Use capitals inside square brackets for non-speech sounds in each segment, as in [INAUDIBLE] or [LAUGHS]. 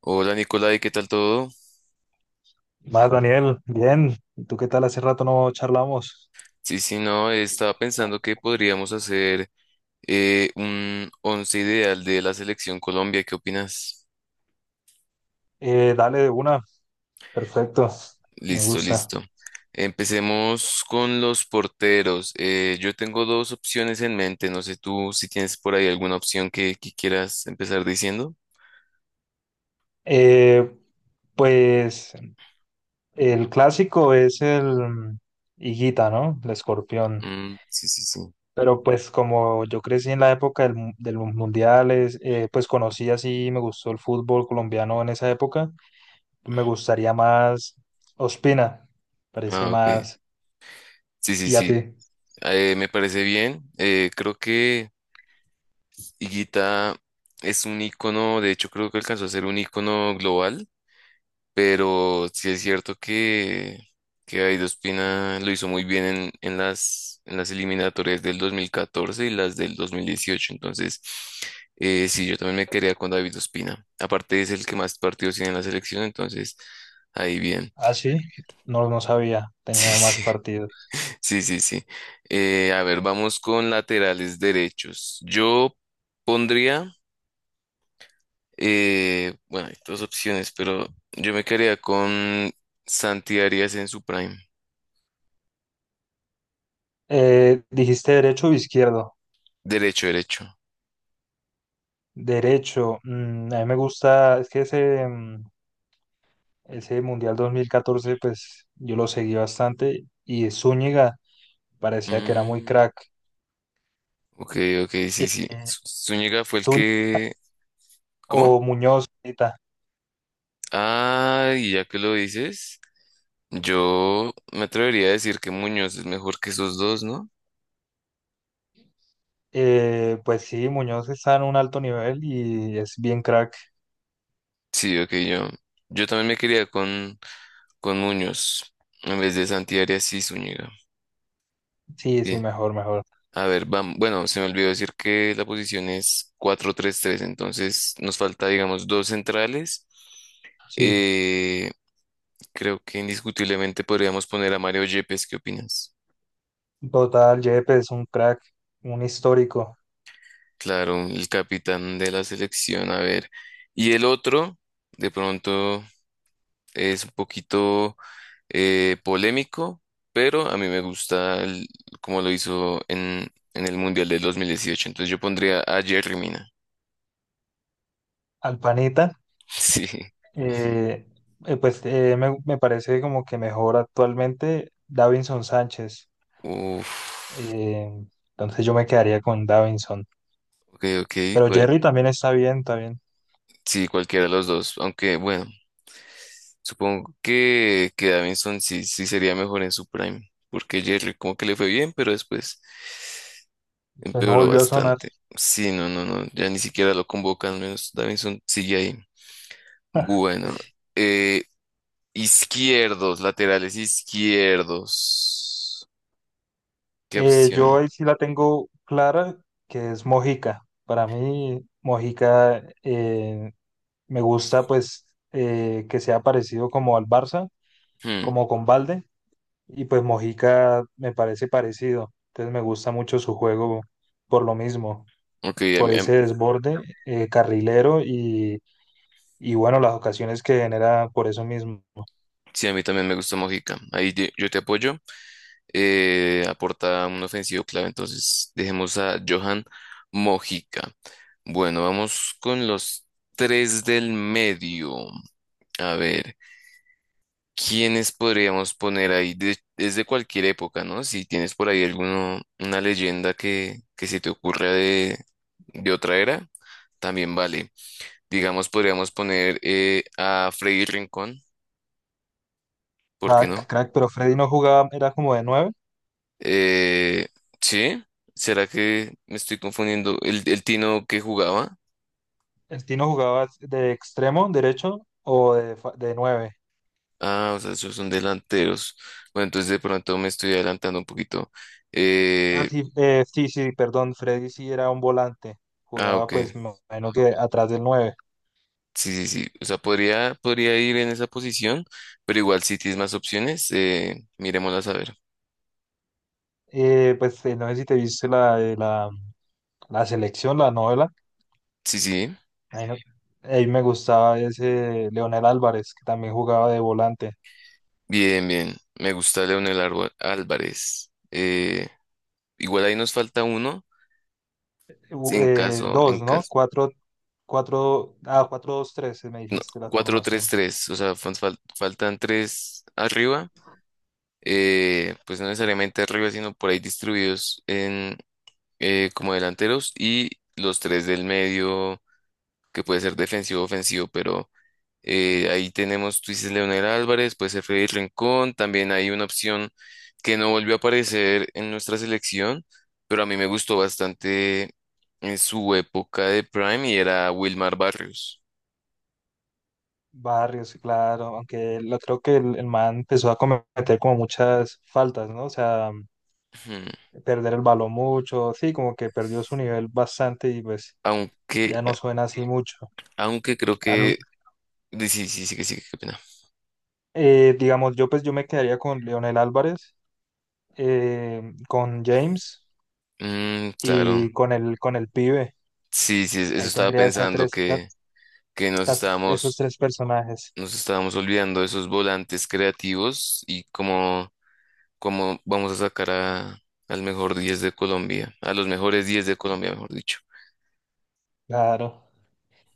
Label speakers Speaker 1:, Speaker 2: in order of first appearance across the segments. Speaker 1: Hola Nicolai, ¿qué tal todo?
Speaker 2: Más, Daniel, bien. ¿Y tú qué tal? Hace rato no charlamos.
Speaker 1: Sí, sí, no, estaba pensando que podríamos hacer un once ideal de la selección Colombia. ¿Qué opinas?
Speaker 2: Dale de una. Perfecto. Me
Speaker 1: Listo,
Speaker 2: gusta.
Speaker 1: listo. Empecemos con los porteros. Yo tengo dos opciones en mente. No sé tú si tienes por ahí alguna opción que quieras empezar diciendo.
Speaker 2: Eh, pues el clásico es el Higuita, ¿no? El escorpión.
Speaker 1: Mm, sí, sí, sí.
Speaker 2: Pero pues como yo crecí en la época de los mundiales, pues conocí así, me gustó el fútbol colombiano en esa época. Me gustaría más Ospina. Parece
Speaker 1: Ah, ok.
Speaker 2: más.
Speaker 1: Sí, sí,
Speaker 2: ¿Y a
Speaker 1: sí.
Speaker 2: ti?
Speaker 1: Me parece bien. Creo que Higuita es un icono. De hecho, creo que alcanzó a ser un icono global. Pero sí es cierto que Guaidó Espina lo hizo muy bien en las eliminatorias del 2014 y las del 2018. Entonces, sí, yo también me quería con David Ospina. Aparte es el que más partidos tiene en la selección, entonces ahí bien.
Speaker 2: Ah, sí. No, no sabía.
Speaker 1: [LAUGHS] Sí,
Speaker 2: Tenía más
Speaker 1: sí,
Speaker 2: partidos.
Speaker 1: sí, sí, sí. A ver, vamos con laterales derechos. Yo pondría, bueno, hay dos opciones, pero yo me quedaría con Santi Arias en su prime.
Speaker 2: Dijiste derecho o izquierdo.
Speaker 1: Derecho, derecho.
Speaker 2: Derecho. A mí me gusta, es que ese ese Mundial 2014 pues yo lo seguí bastante y Zúñiga parecía que era muy
Speaker 1: Mm,
Speaker 2: crack.
Speaker 1: ok, ok, sí, sí.
Speaker 2: Eh,
Speaker 1: Zúñiga fue el
Speaker 2: Zúñiga
Speaker 1: que... ¿Cómo?
Speaker 2: o Muñoz, ahorita.
Speaker 1: Ah, y ya que lo dices, yo me atrevería a decir que Muñoz es mejor que esos dos, ¿no?
Speaker 2: Pues sí, Muñoz está en un alto nivel y es bien crack.
Speaker 1: Sí, ok, yo también me quería con Muñoz en vez de Santi Arias y Zúñiga.
Speaker 2: Sí, sí,
Speaker 1: Bien,
Speaker 2: mejor, mejor.
Speaker 1: a ver, vamos. Bueno, se me olvidó decir que la posición es cuatro tres tres, entonces nos falta, digamos, dos centrales.
Speaker 2: Sí.
Speaker 1: Eh, Creo que indiscutiblemente podríamos poner a Mario Yepes, ¿qué opinas?
Speaker 2: Total, Yepes es un crack, un histórico.
Speaker 1: Claro, el capitán de la selección, a ver. Y el otro, de pronto, es un poquito polémico, pero a mí me gusta como lo hizo en el Mundial del 2018. Entonces yo pondría a Jerry Mina. [LAUGHS]
Speaker 2: Alpanita.
Speaker 1: Sí.
Speaker 2: Eh, Me parece como que mejor actualmente Davinson Sánchez.
Speaker 1: Uf.
Speaker 2: Eh, entonces yo me quedaría con Davinson.
Speaker 1: Ok, ok.
Speaker 2: Pero
Speaker 1: Pues,
Speaker 2: Jerry también está bien, está bien.
Speaker 1: sí, cualquiera de los dos. Aunque, bueno. Supongo que Davinson sí, sí sería mejor en su prime, porque Jerry como que le fue bien, pero después
Speaker 2: Pues no
Speaker 1: empeoró
Speaker 2: volvió a sonar.
Speaker 1: bastante. Sí, no, no, no, ya ni siquiera lo convocan, menos Davinson sigue ahí. Bueno, eh, izquierdos, laterales izquierdos. ¿Qué
Speaker 2: Yo
Speaker 1: opción?
Speaker 2: ahí sí la tengo clara, que es Mojica. Para mí, Mojica, me gusta pues que sea parecido como al Barça,
Speaker 1: Hmm,
Speaker 2: como con Balde. Y pues Mojica me parece parecido. Entonces me gusta mucho su juego por lo mismo.
Speaker 1: ok, a
Speaker 2: Por
Speaker 1: mí, a
Speaker 2: ese desborde carrilero y bueno, las ocasiones que genera por eso mismo.
Speaker 1: sí, a mí también me gusta Mojica. Ahí yo te apoyo. Aporta un ofensivo clave, entonces dejemos a Johan Mojica. Bueno, vamos con los tres del medio. A ver, ¿quiénes podríamos poner ahí desde cualquier época, ¿no? Si tienes por ahí alguno, una leyenda que se te ocurra de otra era, también vale. Digamos, podríamos poner a Freddy Rincón, ¿por qué
Speaker 2: Crack,
Speaker 1: no?
Speaker 2: crack, pero Freddy no jugaba, era como de nueve.
Speaker 1: Eh, ¿Sí? ¿Será que me estoy confundiendo? ¿El Tino que jugaba?
Speaker 2: El Tino jugaba de extremo derecho de nueve.
Speaker 1: Ah, o sea, esos son delanteros. Bueno, entonces de pronto me estoy adelantando un poquito.
Speaker 2: Ah,
Speaker 1: Eh,
Speaker 2: sí, sí, sí, perdón, Freddy sí era un volante.
Speaker 1: ah,
Speaker 2: Jugaba,
Speaker 1: ok.
Speaker 2: pues me imagino que atrás del nueve.
Speaker 1: Sí, sí, sí. O sea, podría ir en esa posición, pero igual si tienes más opciones, miremoslas a ver.
Speaker 2: No sé si te viste la selección, la novela.
Speaker 1: Sí, sí.
Speaker 2: Ahí, no- Ahí me gustaba ese Leonel Álvarez, que también jugaba de volante.
Speaker 1: Bien, bien. Me gusta Álvarez. Igual ahí nos falta uno. En caso, en
Speaker 2: Dos, no,
Speaker 1: caso.
Speaker 2: cuatro. Cuatro, ah, cuatro, dos, tres, me dijiste la
Speaker 1: Cuatro tres
Speaker 2: formación.
Speaker 1: tres, o sea, faltan tres arriba, pues no necesariamente arriba, sino por ahí distribuidos en como delanteros y los tres del medio, que puede ser defensivo o ofensivo, pero ahí tenemos, tú dices Leonel Álvarez, puede ser Freddy Rincón, también hay una opción que no volvió a aparecer en nuestra selección, pero a mí me gustó bastante en su época de Prime y era Wilmar Barrios.
Speaker 2: Barrios, sí, claro, aunque lo, creo que el man empezó a cometer como muchas faltas, ¿no? O sea,
Speaker 1: Ujú.
Speaker 2: perder el balón mucho, sí, como que perdió su nivel bastante y pues
Speaker 1: Aunque,
Speaker 2: ya no suena así mucho.
Speaker 1: aunque creo
Speaker 2: A mí,
Speaker 1: que... Sí, sí, sí, sí, que sí, qué pena.
Speaker 2: digamos, yo me quedaría con Leonel Álvarez, con James
Speaker 1: Mm, claro.
Speaker 2: y con el pibe.
Speaker 1: Sí, sí, eso
Speaker 2: Ahí
Speaker 1: estaba
Speaker 2: tendría esas
Speaker 1: pensando
Speaker 2: tres, esas-
Speaker 1: que
Speaker 2: esas- esos tres personajes,
Speaker 1: nos estábamos olvidando de esos volantes creativos y cómo, cómo vamos a sacar a, al mejor 10 de Colombia, a los mejores 10 de Colombia, mejor dicho,
Speaker 2: claro.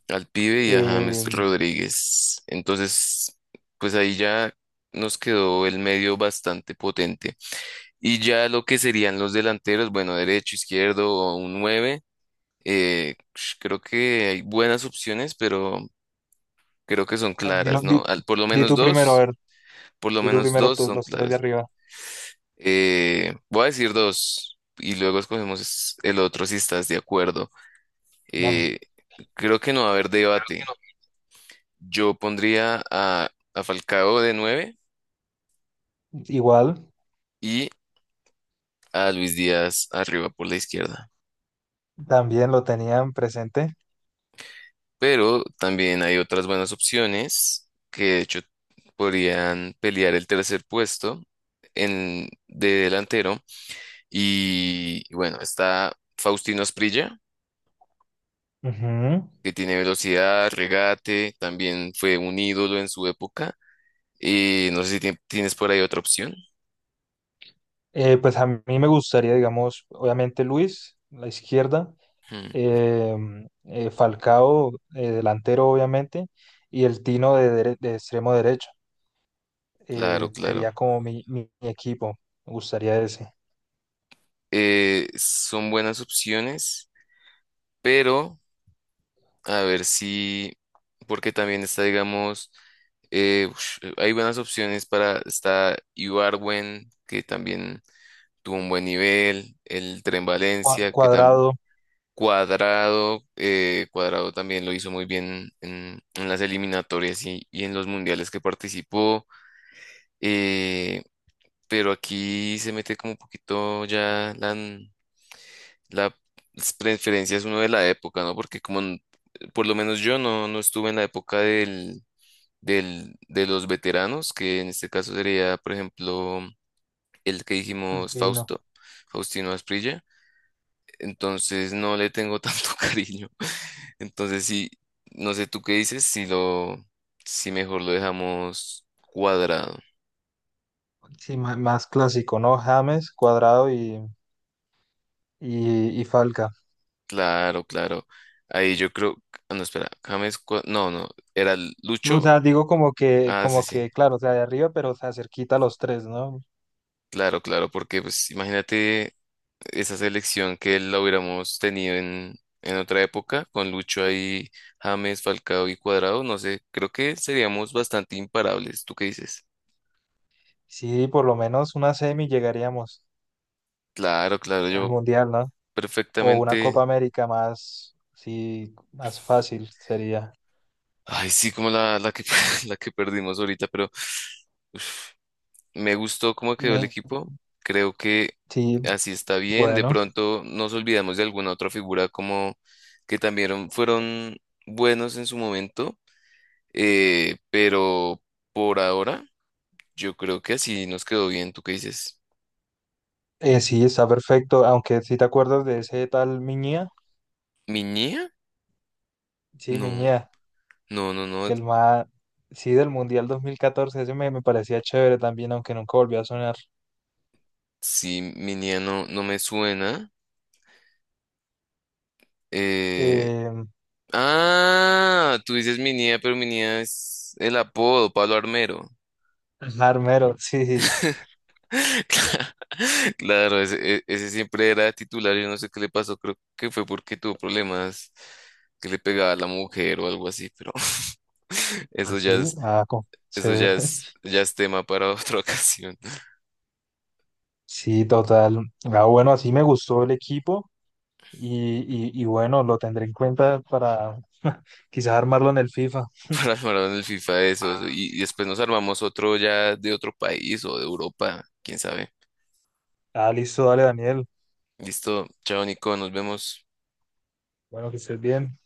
Speaker 1: al pibe y a James
Speaker 2: Eh,
Speaker 1: Rodríguez. Entonces, pues ahí ya nos quedó el medio bastante potente. Y ya lo que serían los delanteros, bueno, derecho, izquierdo o un nueve. Creo que hay buenas opciones, pero creo que son
Speaker 2: A ver,
Speaker 1: claras, ¿no? Por lo
Speaker 2: di
Speaker 1: menos
Speaker 2: tú primero, a
Speaker 1: dos,
Speaker 2: ver,
Speaker 1: por lo
Speaker 2: di tú
Speaker 1: menos
Speaker 2: primero
Speaker 1: dos son
Speaker 2: los tres de
Speaker 1: claras.
Speaker 2: arriba.
Speaker 1: Voy a decir dos y luego escogemos el otro si estás de acuerdo.
Speaker 2: Dale.
Speaker 1: Eh, Creo que no va a haber debate. Yo pondría a Falcao de nueve
Speaker 2: Igual,
Speaker 1: y a Luis Díaz arriba por la izquierda.
Speaker 2: también lo tenían presente.
Speaker 1: Pero también hay otras buenas opciones que de hecho podrían pelear el tercer puesto en, de delantero. Y bueno, está Faustino Asprilla,
Speaker 2: Ujú.
Speaker 1: que tiene velocidad, regate, también fue un ídolo en su época. Y no sé si tienes por ahí otra opción.
Speaker 2: A mí me gustaría, digamos, obviamente Luis, la izquierda,
Speaker 1: Hmm,
Speaker 2: eh, Falcao, delantero, obviamente, y el Tino de extremo derecho.
Speaker 1: claro, claro.
Speaker 2: Sería como mi equipo, me gustaría ese.
Speaker 1: Son buenas opciones, pero... A ver si, porque también está, digamos, hay buenas opciones para, está Ibarwen, que también tuvo un buen nivel, el Tren Valencia, que también,
Speaker 2: Cuadrado,
Speaker 1: Cuadrado, Cuadrado también lo hizo muy bien en las eliminatorias y en los mundiales que participó, eh, pero aquí se mete como un poquito ya la preferencia es uno de la época, ¿no? Porque como por lo menos yo no, no estuve en la época de los veteranos, que en este caso sería, por ejemplo, el que
Speaker 2: el
Speaker 1: dijimos
Speaker 2: Tino,
Speaker 1: Fausto, Faustino Asprilla. Entonces no le tengo tanto [LAUGHS] cariño. Entonces sí, no sé tú qué dices, si lo, si mejor lo dejamos cuadrado.
Speaker 2: sí, más clásico, ¿no? James, Cuadrado y Falcao.
Speaker 1: Claro, claro. Ahí yo creo, ah, no, espera, James, no, no, era
Speaker 2: No, o
Speaker 1: Lucho.
Speaker 2: sea, digo
Speaker 1: Ah, sí,
Speaker 2: como que,
Speaker 1: sí.
Speaker 2: claro, o sea, de arriba, pero o sea, cerquita a los tres, ¿no?
Speaker 1: Claro, claro, porque pues imagínate esa selección que la hubiéramos tenido en otra época, con Lucho ahí, James, Falcao y Cuadrado, no sé, creo que seríamos bastante imparables, ¿tú qué dices?
Speaker 2: Sí, por lo menos una semi llegaríamos
Speaker 1: Claro, claro,
Speaker 2: al
Speaker 1: yo
Speaker 2: Mundial, ¿no? O una Copa
Speaker 1: perfectamente,
Speaker 2: América más, sí, más fácil sería.
Speaker 1: ay sí, como la que, [LAUGHS] la que perdimos ahorita, pero me gustó cómo quedó el
Speaker 2: Eh,
Speaker 1: equipo, creo que
Speaker 2: Sí,
Speaker 1: así está bien, de
Speaker 2: bueno,
Speaker 1: pronto nos olvidamos de alguna otra figura como que también fueron buenos en su momento. Pero por ahora, yo creo que así nos quedó bien. ¿Tú qué dices?
Speaker 2: sí, está perfecto, aunque si te acuerdas de ese tal Miñía,
Speaker 1: ¿Miñía?
Speaker 2: sí,
Speaker 1: No,
Speaker 2: Miñía,
Speaker 1: no, no, no.
Speaker 2: que el más, sí, del Mundial 2014, ese me, me parecía chévere también, aunque nunca volvió a sonar.
Speaker 1: Sí, Miñía no, no me suena. Eh,
Speaker 2: Eh,
Speaker 1: ah, tú dices Miñía, pero Miñía es el apodo, Pablo Armero.
Speaker 2: Armero, sí, sí.
Speaker 1: [LAUGHS] Claro, ese, ese siempre era titular. Yo no sé qué le pasó. Creo que fue porque tuvo problemas que le pegaba a la mujer o algo así, pero [LAUGHS]
Speaker 2: Ah,
Speaker 1: eso
Speaker 2: sí,
Speaker 1: ya
Speaker 2: sí,
Speaker 1: es, eso
Speaker 2: chévere.
Speaker 1: ya es tema para otra [LAUGHS] ocasión.
Speaker 2: Sí, total. Ah, bueno, así me gustó el equipo y bueno, lo tendré en cuenta para [LAUGHS] quizás armarlo en el FIFA.
Speaker 1: [LAUGHS] Para armar en el FIFA, eso, eso. Y después nos armamos otro ya de otro país o de Europa, quién sabe.
Speaker 2: Ah, listo, dale, Daniel.
Speaker 1: Listo, chao Nico, nos vemos.
Speaker 2: Bueno, que estés bien.